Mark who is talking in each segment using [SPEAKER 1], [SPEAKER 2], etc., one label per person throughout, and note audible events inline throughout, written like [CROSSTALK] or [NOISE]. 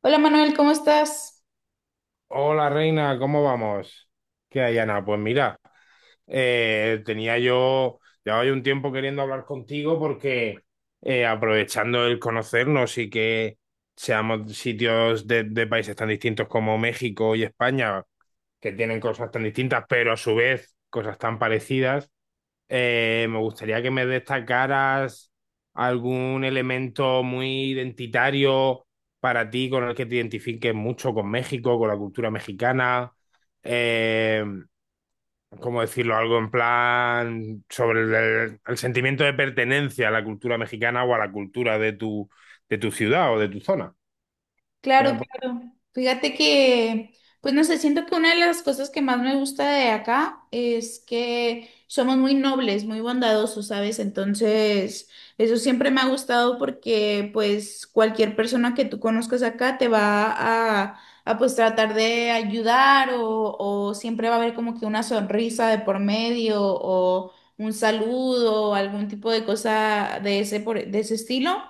[SPEAKER 1] Hola Manuel, ¿cómo estás?
[SPEAKER 2] Hola Reina, ¿cómo vamos? ¿Qué hay, Ana? Pues mira, tenía yo, llevaba yo un tiempo queriendo hablar contigo porque aprovechando el conocernos y que seamos sitios de países tan distintos como México y España, que tienen cosas tan distintas, pero a su vez cosas tan parecidas, me gustaría que me destacaras algún elemento muy identitario para ti con el que te identifiques mucho con México, con la cultura mexicana. Eh, ¿Cómo decirlo? Algo en plan sobre el sentimiento de pertenencia a la cultura mexicana o a la cultura de de tu ciudad o de tu zona. ¿Qué
[SPEAKER 1] Claro,
[SPEAKER 2] me pu-
[SPEAKER 1] claro. Fíjate que, pues no sé, siento que una de las cosas que más me gusta de acá es que somos muy nobles, muy bondadosos, ¿sabes? Entonces, eso siempre me ha gustado porque, pues, cualquier persona que tú conozcas acá te va a pues, tratar de ayudar o siempre va a haber como que una sonrisa de por medio o un saludo o algún tipo de cosa de ese, de ese estilo.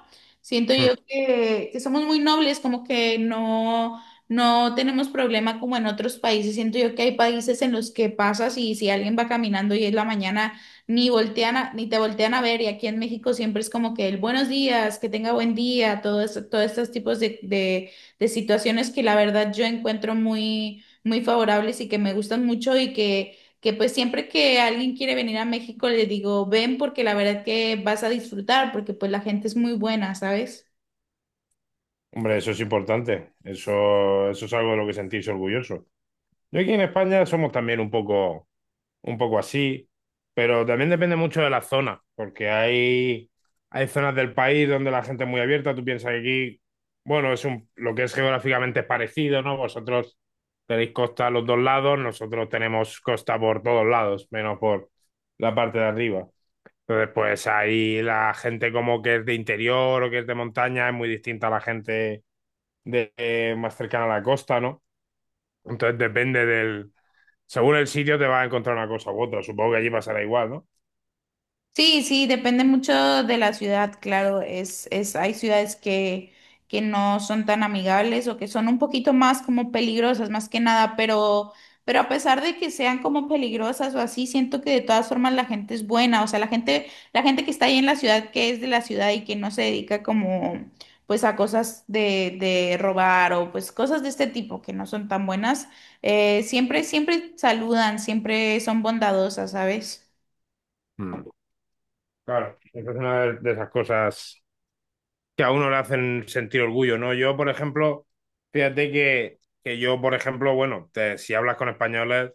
[SPEAKER 1] Siento
[SPEAKER 2] Mm.
[SPEAKER 1] yo que somos muy nobles, como que no, no tenemos problema como en otros países. Siento yo que hay países en los que pasas y si alguien va caminando y es la mañana, ni te voltean a ver. Y aquí en México siempre es como que el buenos días, que tenga buen día, todos estos tipos de situaciones que la verdad yo encuentro muy, muy favorables y que me gustan mucho y que pues siempre que alguien quiere venir a México le digo, ven porque la verdad que vas a disfrutar, porque pues la gente es muy buena, ¿sabes?
[SPEAKER 2] Hombre, eso es importante. Eso es algo de lo que sentirse orgulloso. Yo aquí en España somos también un poco. Un poco así, pero también depende mucho de la zona, porque hay zonas del país donde la gente es muy abierta, tú piensas que aquí, bueno, es un, lo que es geográficamente es parecido, ¿no? Vosotros tenéis costa a los dos lados, nosotros tenemos costa por todos lados, menos por la parte de arriba. Entonces, pues ahí la gente como que es de interior o que es de montaña es muy distinta a la gente de, más cercana a la costa, ¿no? Entonces depende del, según el sitio te vas a encontrar una cosa u otra. Supongo que allí pasará igual, ¿no?
[SPEAKER 1] Sí, sí, depende mucho de la ciudad, claro, hay ciudades que no son tan amigables o que son un poquito más como peligrosas, más que nada, pero a pesar de que sean como peligrosas o así, siento que de todas formas la gente es buena, o sea, la gente que está ahí en la ciudad, que es de la ciudad y que no se dedica como, pues a cosas de robar o pues cosas de este tipo que no son tan buenas, siempre, siempre saludan, siempre son bondadosas, ¿sabes?
[SPEAKER 2] Mm. Claro, esa es una de esas cosas que a uno le hacen sentir orgullo, ¿no? Yo, por ejemplo, fíjate que yo, por ejemplo, bueno, si hablas con españoles,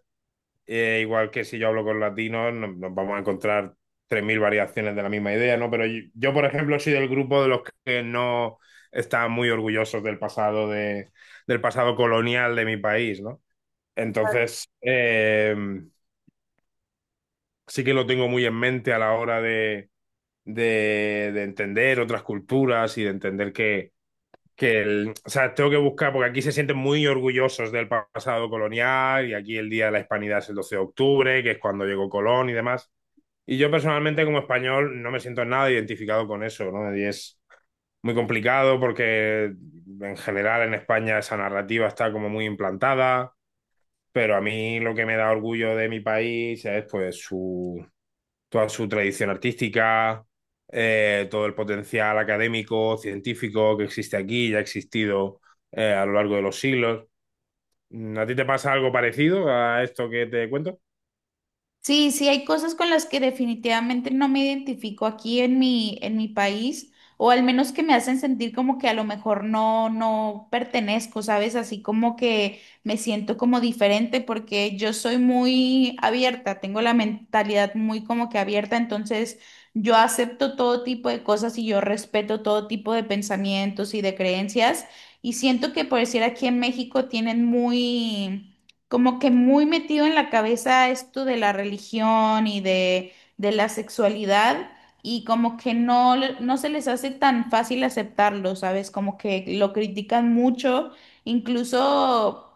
[SPEAKER 2] igual que si yo hablo con latinos, nos vamos a encontrar 3000 variaciones de la misma idea, ¿no? Pero yo, por ejemplo, soy del grupo de los que no están muy orgullosos del pasado, de, del pasado colonial de mi país, ¿no? Entonces, así que lo tengo muy en mente a la hora de entender otras culturas y de entender que el, o sea, tengo que buscar, porque aquí se sienten muy orgullosos del pasado colonial y aquí el Día de la Hispanidad es el 12 de octubre, que es cuando llegó Colón y demás. Y yo personalmente como español no me siento nada identificado con eso, ¿no? Y es muy complicado porque en general en España esa narrativa está como muy implantada, pero a mí lo que me da orgullo de mi país es pues su, toda su tradición artística, todo el potencial académico, científico que existe aquí y ha existido a lo largo de los siglos. Mm, ¿a ti te pasa algo parecido a esto que te cuento?
[SPEAKER 1] Sí, sí, hay cosas con las que definitivamente no me identifico aquí en mi país, o al menos que me hacen sentir como que a lo mejor no, no pertenezco, ¿sabes? Así como que me siento como diferente porque yo soy muy abierta, tengo la mentalidad muy como que abierta, entonces yo acepto todo tipo de cosas y yo respeto todo tipo de pensamientos y de creencias, y siento que por decir aquí en México tienen muy como que muy metido en la cabeza esto de la religión y de la sexualidad y como que no, no se les hace tan fácil aceptarlo, ¿sabes? Como que lo critican mucho, incluso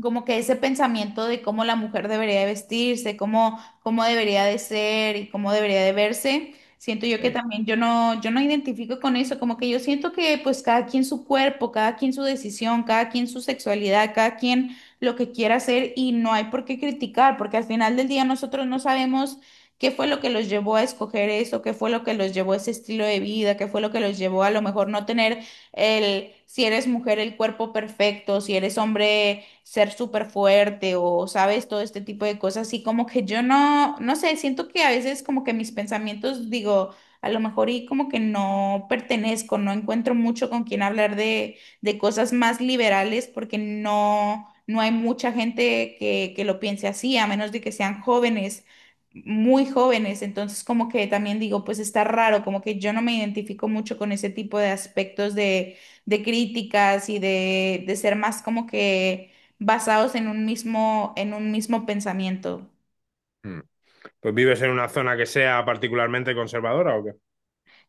[SPEAKER 1] como que ese pensamiento de cómo la mujer debería de vestirse, cómo, cómo debería de ser y cómo debería de verse. Siento yo que
[SPEAKER 2] Sí.
[SPEAKER 1] también yo no, yo no identifico con eso, como que yo siento que pues cada quien su cuerpo, cada quien su decisión, cada quien su sexualidad, cada quien lo que quiera hacer y no hay por qué criticar, porque al final del día nosotros no sabemos qué fue lo que los llevó a escoger eso, qué fue lo que los llevó a ese estilo de vida, qué fue lo que los llevó a lo mejor no tener el, si eres mujer, el cuerpo perfecto, si eres hombre, ser súper fuerte o sabes todo este tipo de cosas. Y como que yo no, no sé, siento que a veces como que mis pensamientos digo... A lo mejor y como que no pertenezco, no encuentro mucho con quien hablar de cosas más liberales porque no, no hay mucha gente que lo piense así, a menos de que sean jóvenes, muy jóvenes. Entonces, como que también digo, pues está raro, como que yo no me identifico mucho con ese tipo de aspectos de críticas y de ser más como que basados en un mismo pensamiento.
[SPEAKER 2] Mm. Pues vives en una zona que sea particularmente conservadora, ¿o qué?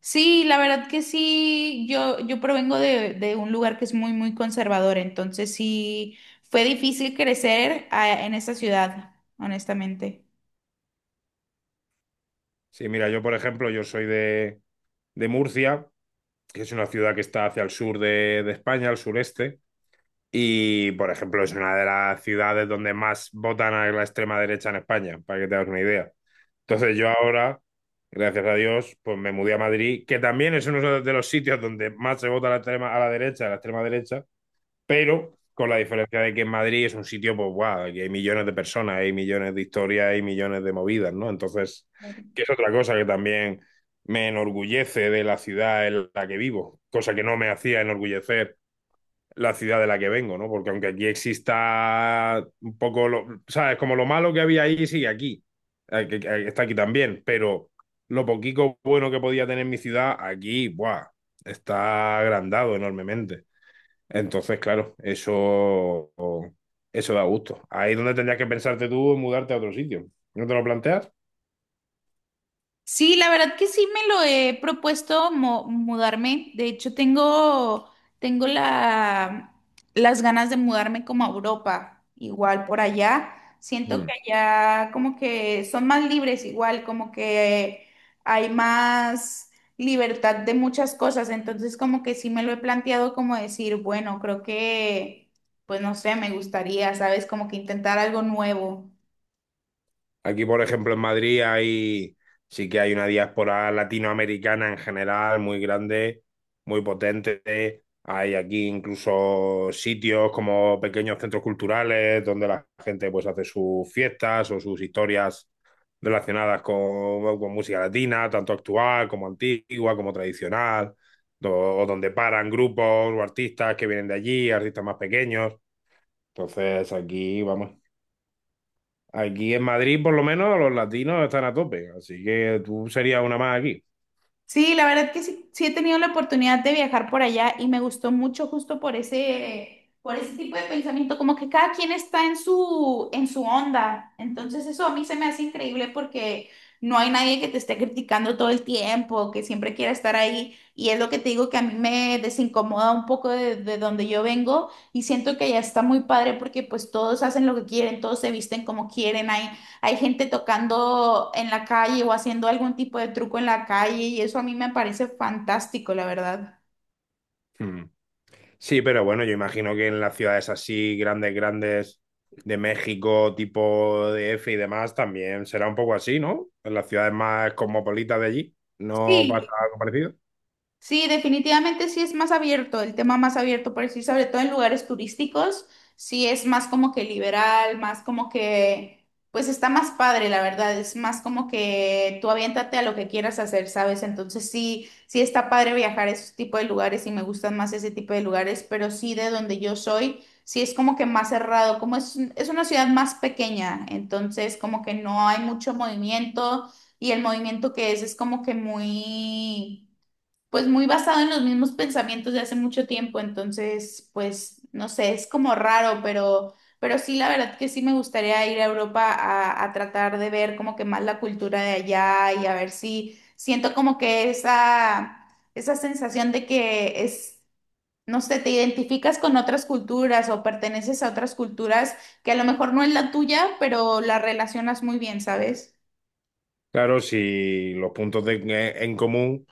[SPEAKER 1] Sí, la verdad que sí, yo provengo de un lugar que es muy, muy conservador, entonces sí, fue difícil crecer en esa ciudad, honestamente.
[SPEAKER 2] Sí, mira, yo por ejemplo, yo soy de Murcia, que es una ciudad que está hacia el sur de España, al sureste, y por ejemplo es una de las ciudades donde más votan a la extrema derecha en España, para que te hagas una idea. Entonces yo ahora, gracias a Dios, pues me mudé a Madrid, que también es uno de los sitios donde más se vota a la extrema, a la derecha, a la extrema derecha, pero con la diferencia de que en Madrid es un sitio, pues, guau, aquí hay millones de personas, hay millones de historias, hay millones de movidas, ¿no? Entonces, que es otra cosa que también me enorgullece de la ciudad en la que vivo, cosa que no me hacía enorgullecer la ciudad de la que vengo, ¿no? Porque aunque aquí exista un poco, lo, ¿sabes? Como lo malo que había ahí sigue aquí, está aquí también, pero lo poquito bueno que podía tener mi ciudad aquí, ¡buah! Está agrandado enormemente. Entonces, claro, eso da gusto. Ahí es donde tendrías que pensarte tú en mudarte a otro sitio. ¿No te lo planteas?
[SPEAKER 1] Sí, la verdad que sí me lo he propuesto mudarme. De hecho, tengo, tengo la, las ganas de mudarme como a Europa, igual por allá. Siento que allá como que son más libres, igual como que hay más libertad de muchas cosas. Entonces, como que sí me lo he planteado como decir, bueno, creo que, pues no sé, me gustaría, ¿sabes? Como que intentar algo nuevo.
[SPEAKER 2] Aquí, por ejemplo, en sí que hay una diáspora latinoamericana en general muy grande, muy potente. Hay aquí incluso sitios como pequeños centros culturales donde la gente pues hace sus fiestas o sus historias relacionadas con, bueno, con música latina, tanto actual como antigua, como tradicional, do- o donde paran grupos o artistas que vienen de allí, artistas más pequeños. Entonces, aquí vamos. Aquí en Madrid, por lo menos, los latinos están a tope, así que tú serías una más aquí.
[SPEAKER 1] Sí, la verdad que sí, sí he tenido la oportunidad de viajar por allá y me gustó mucho justo por ese tipo de pensamiento, como que cada quien está en su onda. Entonces eso a mí se me hace increíble porque no hay nadie que te esté criticando todo el tiempo, que siempre quiera estar ahí. Y es lo que te digo que a mí me desincomoda un poco de donde yo vengo y siento que allá está muy padre porque pues todos hacen lo que quieren, todos se visten como quieren, hay hay gente tocando en la calle o haciendo algún tipo de truco en la calle y eso a mí me parece fantástico, la verdad.
[SPEAKER 2] Mm. Sí, pero bueno, yo imagino que en las ciudades así, grandes, grandes, de México, tipo de DF y demás, también será un poco así, ¿no? En las ciudades más cosmopolitas de allí, ¿no pasa
[SPEAKER 1] Sí,
[SPEAKER 2] algo parecido?
[SPEAKER 1] sí, definitivamente sí es más abierto, el tema más abierto, por decir, sobre todo en lugares turísticos, sí es más como que liberal, más como que, pues está más padre, la verdad, es más como que tú aviéntate a lo que quieras hacer, ¿sabes? Entonces sí, sí está padre viajar a ese tipo de lugares y me gustan más ese tipo de lugares, pero sí de donde yo soy, sí es como que más cerrado, como es una ciudad más pequeña, entonces como que no hay mucho movimiento y el movimiento que es como que muy pues muy basado en los mismos pensamientos de hace mucho tiempo, entonces, pues, no sé, es como raro, pero sí, la verdad que sí me gustaría ir a Europa a tratar de ver como que más la cultura de allá y a ver si siento como que esa sensación de que es, no sé, te identificas con otras culturas o perteneces a otras culturas que a lo mejor no es la tuya, pero la relacionas muy bien, ¿sabes?
[SPEAKER 2] Claro, si los en común,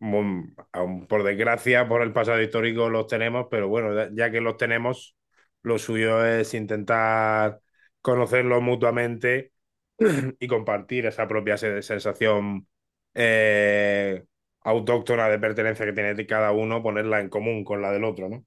[SPEAKER 2] mm, aun por desgracia, por el pasado histórico los tenemos, pero bueno, ya que los tenemos, lo suyo es intentar conocerlos mutuamente [CLEARS THROAT] y compartir esa propia sensación eh, autóctona de pertenencia que tiene cada uno, ponerla en común con la del otro, ¿no?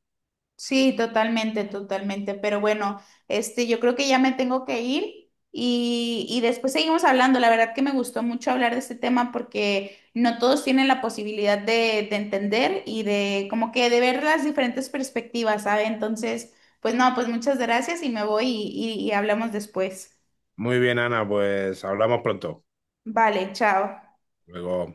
[SPEAKER 1] Sí, totalmente, totalmente. Pero bueno, este, yo creo que ya me tengo que ir y después seguimos hablando. La verdad que me gustó mucho hablar de este tema porque no todos tienen la posibilidad de entender y de como que de ver las diferentes perspectivas, ¿sabe? Entonces, pues no, pues muchas gracias y me voy y y hablamos después.
[SPEAKER 2] Muy bien, Ana, pues hablamos pronto.
[SPEAKER 1] Vale, chao.
[SPEAKER 2] Luego.